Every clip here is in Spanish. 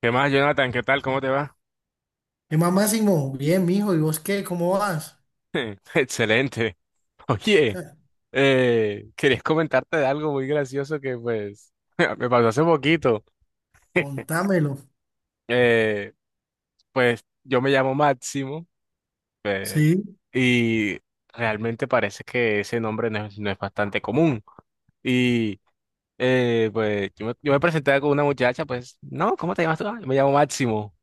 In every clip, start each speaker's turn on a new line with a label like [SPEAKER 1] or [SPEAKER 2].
[SPEAKER 1] ¿Qué más, Jonathan? ¿Qué tal? ¿Cómo te va?
[SPEAKER 2] ¿Qué más, Máximo? Bien, mijo. ¿Y vos qué? ¿Cómo vas?
[SPEAKER 1] Excelente. Oye, querías comentarte de algo muy gracioso que pues me pasó hace poquito.
[SPEAKER 2] Contámelo.
[SPEAKER 1] Eh, pues yo me llamo Máximo eh,
[SPEAKER 2] Sí.
[SPEAKER 1] y realmente parece que ese nombre no es bastante común. Y pues yo me presenté con una muchacha, pues, no, ¿cómo te llamas tú? "Ah, yo me llamo Máximo.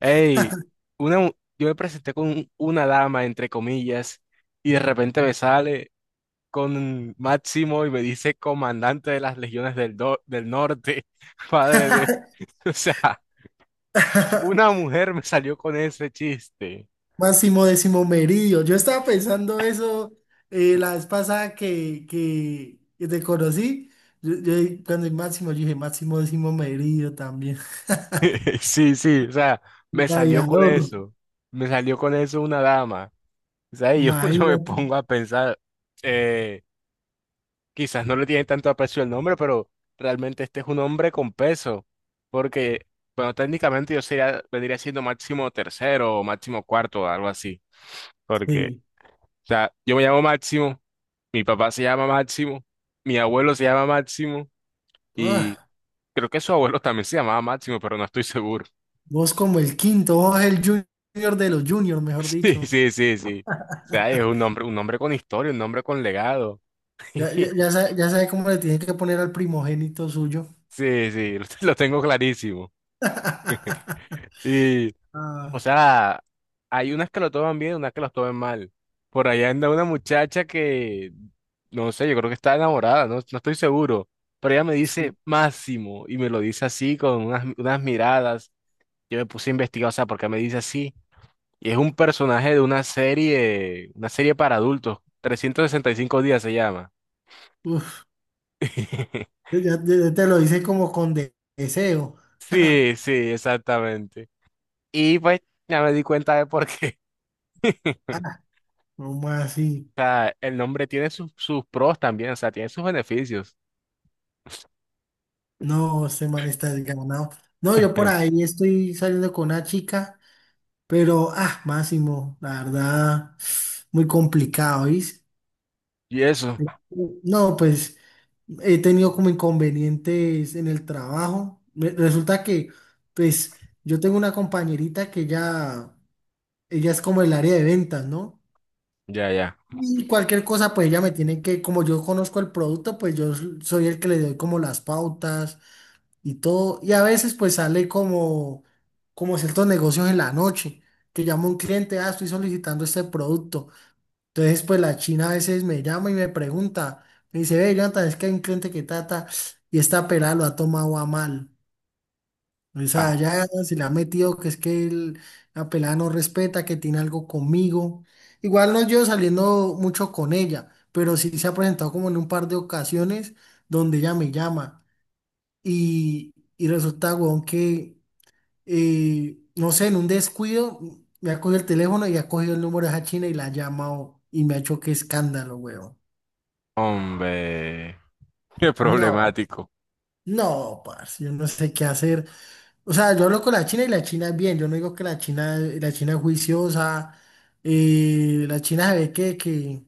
[SPEAKER 1] Ey, una, mu- yo me presenté con una dama, entre comillas, y de repente me sale con Máximo y me dice comandante de las legiones del norte, padre de o sea, una mujer me salió con ese chiste.
[SPEAKER 2] Máximo décimo meridio. Yo estaba pensando eso la vez pasada que te conocí. Cuando el Máximo, yo dije Máximo décimo meridio también.
[SPEAKER 1] Sí, sí, o sea,
[SPEAKER 2] Un
[SPEAKER 1] me salió con
[SPEAKER 2] Gladiador,
[SPEAKER 1] eso. Me salió con eso una dama. O sea, y yo, yo me
[SPEAKER 2] imagínate.
[SPEAKER 1] pongo a pensar, eh, quizás no le tiene tanto aprecio el nombre, pero realmente este es un hombre con peso. Porque, bueno, técnicamente yo sería, vendría siendo máximo tercero o máximo cuarto, algo así. Porque
[SPEAKER 2] Sí.
[SPEAKER 1] sea, yo me llamo Máximo, mi papá se llama Máximo, mi abuelo se llama Máximo y
[SPEAKER 2] Ah,
[SPEAKER 1] creo que su abuelo también se llamaba Máximo, pero no estoy seguro.
[SPEAKER 2] vos como el quinto, vos el junior de los juniors, mejor
[SPEAKER 1] Sí,
[SPEAKER 2] dicho.
[SPEAKER 1] sí, sí, sí. O sea, es un nombre con historia, un nombre con legado.
[SPEAKER 2] Ya sabe, ya sabe cómo le tiene que poner al primogénito suyo.
[SPEAKER 1] Sí, sí, lo tengo clarísimo. Y o
[SPEAKER 2] Ah,
[SPEAKER 1] sea, hay unas que lo toman bien, unas que los toman mal. Por allá anda una muchacha que, no sé, yo creo que está enamorada, no, no estoy seguro. Pero ella me
[SPEAKER 2] sí.
[SPEAKER 1] dice Máximo y me lo dice así con unas, unas miradas. Yo me puse a investigar, o sea, ¿por qué me dice así? Y es un personaje de una serie para adultos. 365 días se llama.
[SPEAKER 2] Uf, ya, ya te lo hice como con deseo.
[SPEAKER 1] Sí, sí, exactamente. Y pues ya me di cuenta de por qué.
[SPEAKER 2] ¿Cómo así?
[SPEAKER 1] O sea, el nombre tiene sus sus pros también, o sea, tiene sus beneficios.
[SPEAKER 2] No, este man está desganado. No, yo por ahí estoy saliendo con una chica, pero, ah, Máximo, la verdad, muy complicado, ¿viste?
[SPEAKER 1] Y eso,
[SPEAKER 2] No, pues he tenido como inconvenientes en el trabajo. Resulta que, pues, yo tengo una compañerita que ya, ella es como el área de ventas, ¿no?
[SPEAKER 1] ya, ya.
[SPEAKER 2] Y cualquier cosa, pues ella me tiene que, como yo conozco el producto, pues yo soy el que le doy como las pautas y todo. Y a veces pues sale como ciertos negocios en la noche, que llama un cliente, ah, estoy solicitando este producto. Entonces pues la china a veces me llama y me pregunta, me dice, ve, Jonathan, es que hay un cliente que trata y esta pelada lo ha tomado a mal. O
[SPEAKER 1] Ah,
[SPEAKER 2] sea, ya si la ha metido, que es que la pelada no respeta, que tiene algo conmigo. Igual no llevo saliendo mucho con ella, pero sí se ha presentado como en un par de ocasiones donde ella me llama. Y resulta, weón, que, no sé, en un descuido me ha cogido el teléfono y ha cogido el número de esa china y la ha llamado y me ha hecho que escándalo, weón.
[SPEAKER 1] hombre, qué
[SPEAKER 2] No,
[SPEAKER 1] problemático.
[SPEAKER 2] no, parce, yo no sé qué hacer. O sea, yo hablo con la China y la China es bien. Yo no digo que la China es juiciosa, la China se ve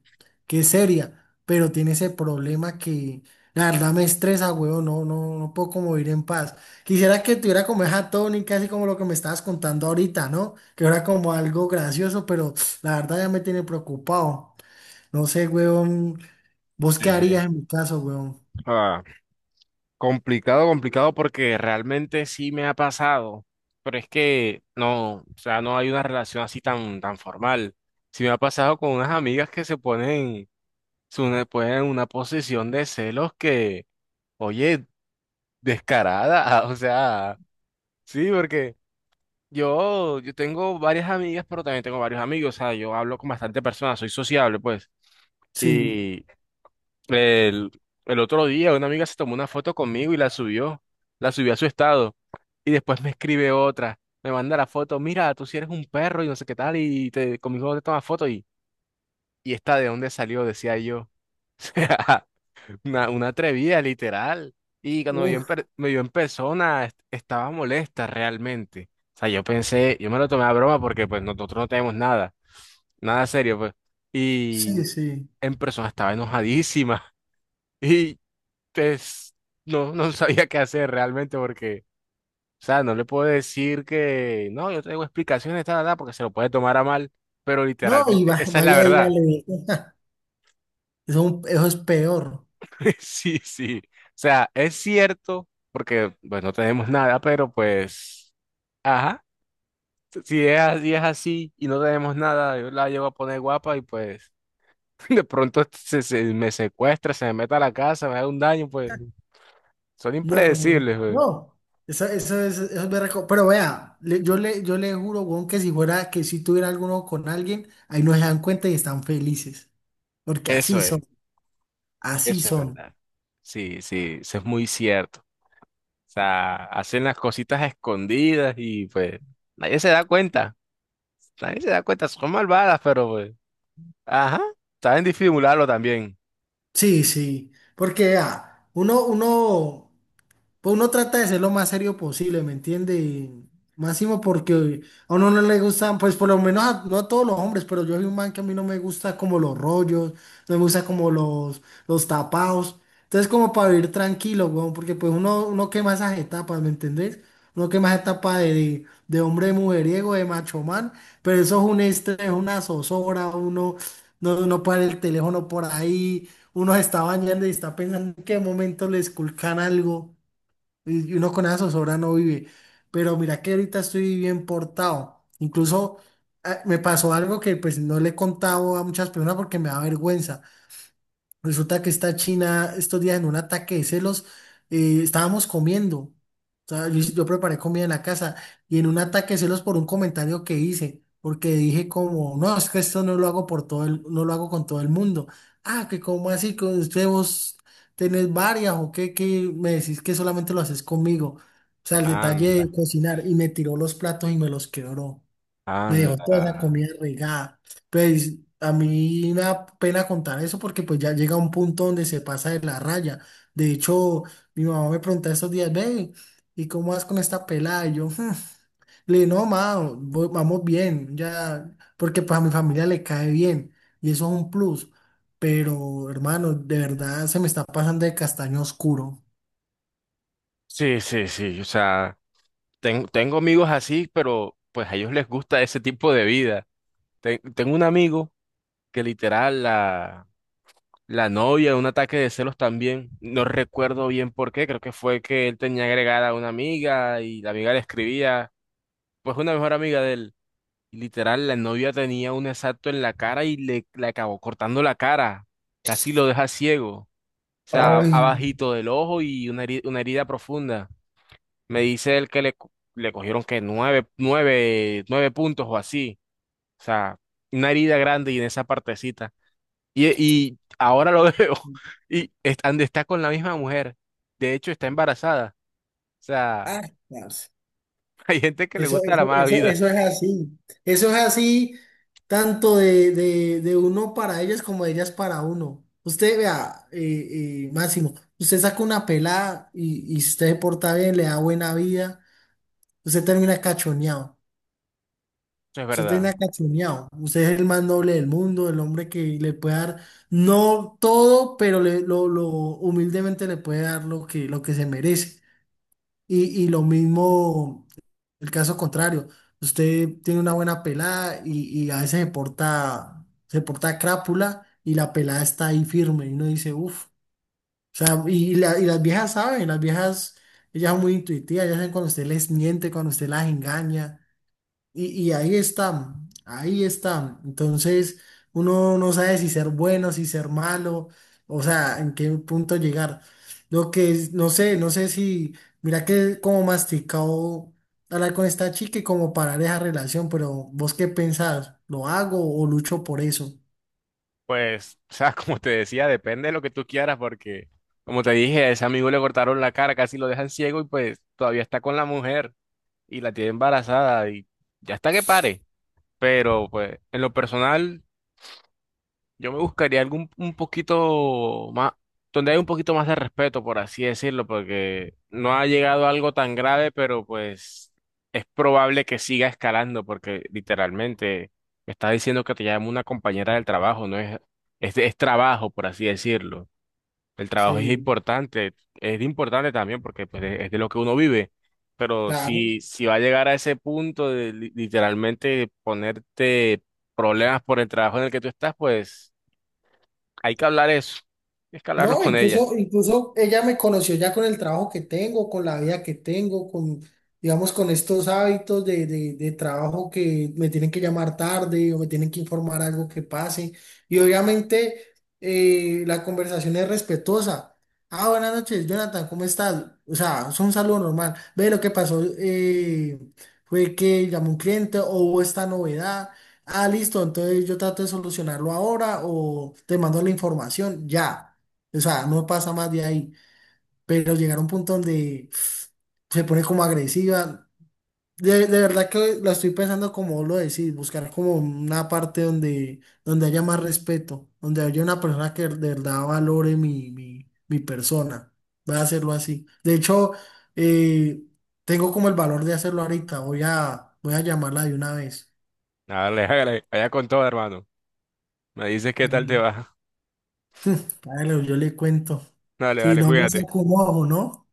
[SPEAKER 2] que es seria, pero tiene ese problema que la verdad me estresa, huevón. No puedo como vivir en paz. Quisiera que tuviera como esa tónica, así como lo que me estabas contando ahorita, ¿no? Que era como algo gracioso, pero la verdad ya me tiene preocupado. No sé, huevón, ¿vos qué
[SPEAKER 1] Sí,
[SPEAKER 2] harías
[SPEAKER 1] sí.
[SPEAKER 2] en mi caso, huevón?
[SPEAKER 1] Ah, complicado, complicado porque realmente sí me ha pasado, pero es que no, o sea, no hay una relación así tan, tan formal. Sí me ha pasado con unas amigas que se ponen, ponen en una posición de celos que, oye, descarada, o sea, sí, porque Yo tengo varias amigas, pero también tengo varios amigos. O sea, yo hablo con bastante personas, soy sociable, pues.
[SPEAKER 2] Sí.
[SPEAKER 1] Y el, el otro día una amiga se tomó una foto conmigo y la subió a su estado. Y después me escribe otra, me manda la foto, mira, tú sí eres un perro y no sé qué tal, y te, conmigo te tomas foto y esta de dónde salió, decía yo. Una atrevida, literal. Y cuando me vio en,
[SPEAKER 2] Uf,
[SPEAKER 1] me vio en persona, estaba molesta realmente. O sea, yo pensé, yo me lo tomé a broma porque pues nosotros no tenemos nada, nada serio, pues.
[SPEAKER 2] sí,
[SPEAKER 1] Y
[SPEAKER 2] sí.
[SPEAKER 1] en persona estaba enojadísima. Y pues no, no sabía qué hacer realmente porque, o sea, no le puedo decir que, no, yo tengo explicaciones, tal, tal, porque se lo puede tomar a mal, pero
[SPEAKER 2] No, y
[SPEAKER 1] literalmente, esa es la
[SPEAKER 2] vaya,
[SPEAKER 1] verdad.
[SPEAKER 2] dígale. Eso, es eso es peor.
[SPEAKER 1] Sí, sí. O sea, es cierto, porque pues no tenemos nada, pero pues, ajá, si es, es así y no tenemos nada, yo la llevo a poner guapa y pues de pronto se, se me secuestra, se me mete a la casa, me haga un daño, pues son
[SPEAKER 2] No, no, no.
[SPEAKER 1] impredecibles, pues.
[SPEAKER 2] No. Eso es berraco. Pero vea, yo le juro, weón, que si fuera, que si tuviera alguno con alguien, ahí no se dan cuenta y están felices. Porque
[SPEAKER 1] Eso
[SPEAKER 2] así
[SPEAKER 1] es,
[SPEAKER 2] son, así
[SPEAKER 1] eso es
[SPEAKER 2] son.
[SPEAKER 1] verdad. Sí, sí, eso es muy cierto. O sea, hacen las cositas escondidas y pues nadie se da cuenta, nadie se da cuenta, son malvadas, pero pues, ajá, saben disimularlo también.
[SPEAKER 2] Sí, sí. Porque vea, uno pues uno trata de ser lo más serio posible, ¿me entiende? Y máximo porque a uno no le gustan, pues por lo menos no a todos los hombres, pero yo soy un man que a mí no me gusta como los rollos, no me gusta como los tapados. Entonces como para vivir tranquilo, weón, porque pues uno quema esas etapas, ¿me entendés? Uno quema esa etapa de hombre mujeriego, de macho man, pero eso es un estrés, una zozobra, uno no para el teléfono por ahí, uno se está bañando y está pensando en qué momento le esculcan algo. Y uno con esa zozobra no vive. Pero mira que ahorita estoy bien portado. Incluso ah, me pasó algo que pues no le he contado a muchas personas porque me da vergüenza. Resulta que esta china, estos días en un ataque de celos, estábamos comiendo. O sea, yo preparé comida en la casa y en un ataque de celos por un comentario que hice, porque dije como, no, es que esto no lo hago por todo el, no lo hago con todo el mundo. Ah, que como así, que usted vos tenés varias o qué, que me decís que solamente lo haces conmigo. O sea, el detalle de
[SPEAKER 1] Anda,
[SPEAKER 2] cocinar y me tiró los platos y me los quebró. Me dejó
[SPEAKER 1] anda.
[SPEAKER 2] toda esa comida regada. Pues a mí me da pena contar eso porque pues ya llega un punto donde se pasa de la raya. De hecho, mi mamá me pregunta estos días, ve, ¿y cómo vas con esta pelada? Y yo, "Hmm". Le dije, no, ma, vamos bien, ya, porque pues a mi familia le cae bien y eso es un plus. Pero, hermano, de verdad se me está pasando de castaño oscuro.
[SPEAKER 1] Sí, sí, sí. O sea, tengo amigos así, pero pues a ellos les gusta ese tipo de vida. Tengo un amigo que literal la, la novia, un ataque de celos también. No recuerdo bien por qué. Creo que fue que él tenía agregada a una amiga y la amiga le escribía, pues una mejor amiga de él. Y literal, la novia tenía un exacto en la cara y le acabó cortando la cara. Casi lo deja ciego. O sea,
[SPEAKER 2] Ay,
[SPEAKER 1] abajito del ojo y una una herida profunda. Me dice él que le, le cogieron que 9, 9, 9 puntos o así. O sea, una herida grande y en esa partecita. Y ahora lo veo. Y está, está con la misma mujer. De hecho, está embarazada. O sea,
[SPEAKER 2] ah, parce.
[SPEAKER 1] hay gente que le gusta la mala vida.
[SPEAKER 2] Eso es así. Eso es así tanto de uno para ellas como de ellas para uno. Usted vea, Máximo, usted saca una pelada y si usted se porta bien, le da buena vida, usted termina cachoneado.
[SPEAKER 1] Eso es
[SPEAKER 2] Usted
[SPEAKER 1] verdad.
[SPEAKER 2] termina cachoneado. Usted es el más noble del mundo, el hombre que le puede dar, no todo, pero lo humildemente le puede dar lo lo que se merece. Y lo mismo. El caso contrario, usted tiene una buena pelada y a veces se porta crápula y la pelada está ahí firme y uno dice, uff. O sea, y las viejas saben, las viejas, ellas son muy intuitivas, ellas saben cuando usted les miente, cuando usted las engaña. Y ahí está, ahí está. Entonces, uno no sabe si ser bueno, si ser malo, o sea, en qué punto llegar. Lo que es, no sé si, mira que como masticado hablar con esta chica y como parar esa relación, pero vos qué pensás, ¿lo hago o lucho por eso?
[SPEAKER 1] Pues, o sea, como te decía, depende de lo que tú quieras, porque, como te dije, a ese amigo le cortaron la cara, casi lo dejan ciego y pues todavía está con la mujer y la tiene embarazada y ya está que pare. Pero, pues, en lo personal. Yo me buscaría algún un poquito más, donde hay un poquito más de respeto, por así decirlo, porque no ha llegado a algo tan grave, pero pues es probable que siga escalando, porque literalmente me está diciendo que te llama una compañera del trabajo, no es, es trabajo, por así decirlo. El trabajo
[SPEAKER 2] Sí,
[SPEAKER 1] es importante también porque pues, es de lo que uno vive, pero
[SPEAKER 2] claro.
[SPEAKER 1] si, si va a llegar a ese punto de literalmente ponerte problemas por el trabajo en el que tú estás, pues Hay que hablar eso. Hay que hablarlo
[SPEAKER 2] No,
[SPEAKER 1] con ella.
[SPEAKER 2] incluso, incluso ella me conoció ya con el trabajo que tengo, con la vida que tengo, con, digamos, con estos hábitos de trabajo que me tienen que llamar tarde o me tienen que informar algo que pase. Y obviamente la conversación es respetuosa. Ah, buenas noches, Jonathan, ¿cómo estás? O sea, es un saludo normal. Ve, lo que pasó fue que llamó un cliente o hubo esta novedad. Ah, listo, entonces yo trato de solucionarlo ahora o te mando la información, ya. O sea, no pasa más de ahí. Pero llegar a un punto donde se pone como agresiva. De verdad que la estoy pensando como vos lo decís, buscar como una parte donde, donde haya más respeto, donde haya una persona que de verdad valore mi persona. Voy a hacerlo así. De hecho, eh, tengo como el valor de hacerlo ahorita. Voy a llamarla de una vez.
[SPEAKER 1] Dale, dale, allá con todo, hermano. Me dices qué tal te
[SPEAKER 2] Mm,
[SPEAKER 1] va.
[SPEAKER 2] claro, yo le cuento.
[SPEAKER 1] Dale,
[SPEAKER 2] Si
[SPEAKER 1] dale,
[SPEAKER 2] no me
[SPEAKER 1] cuídate.
[SPEAKER 2] saco un ojo, ¿no?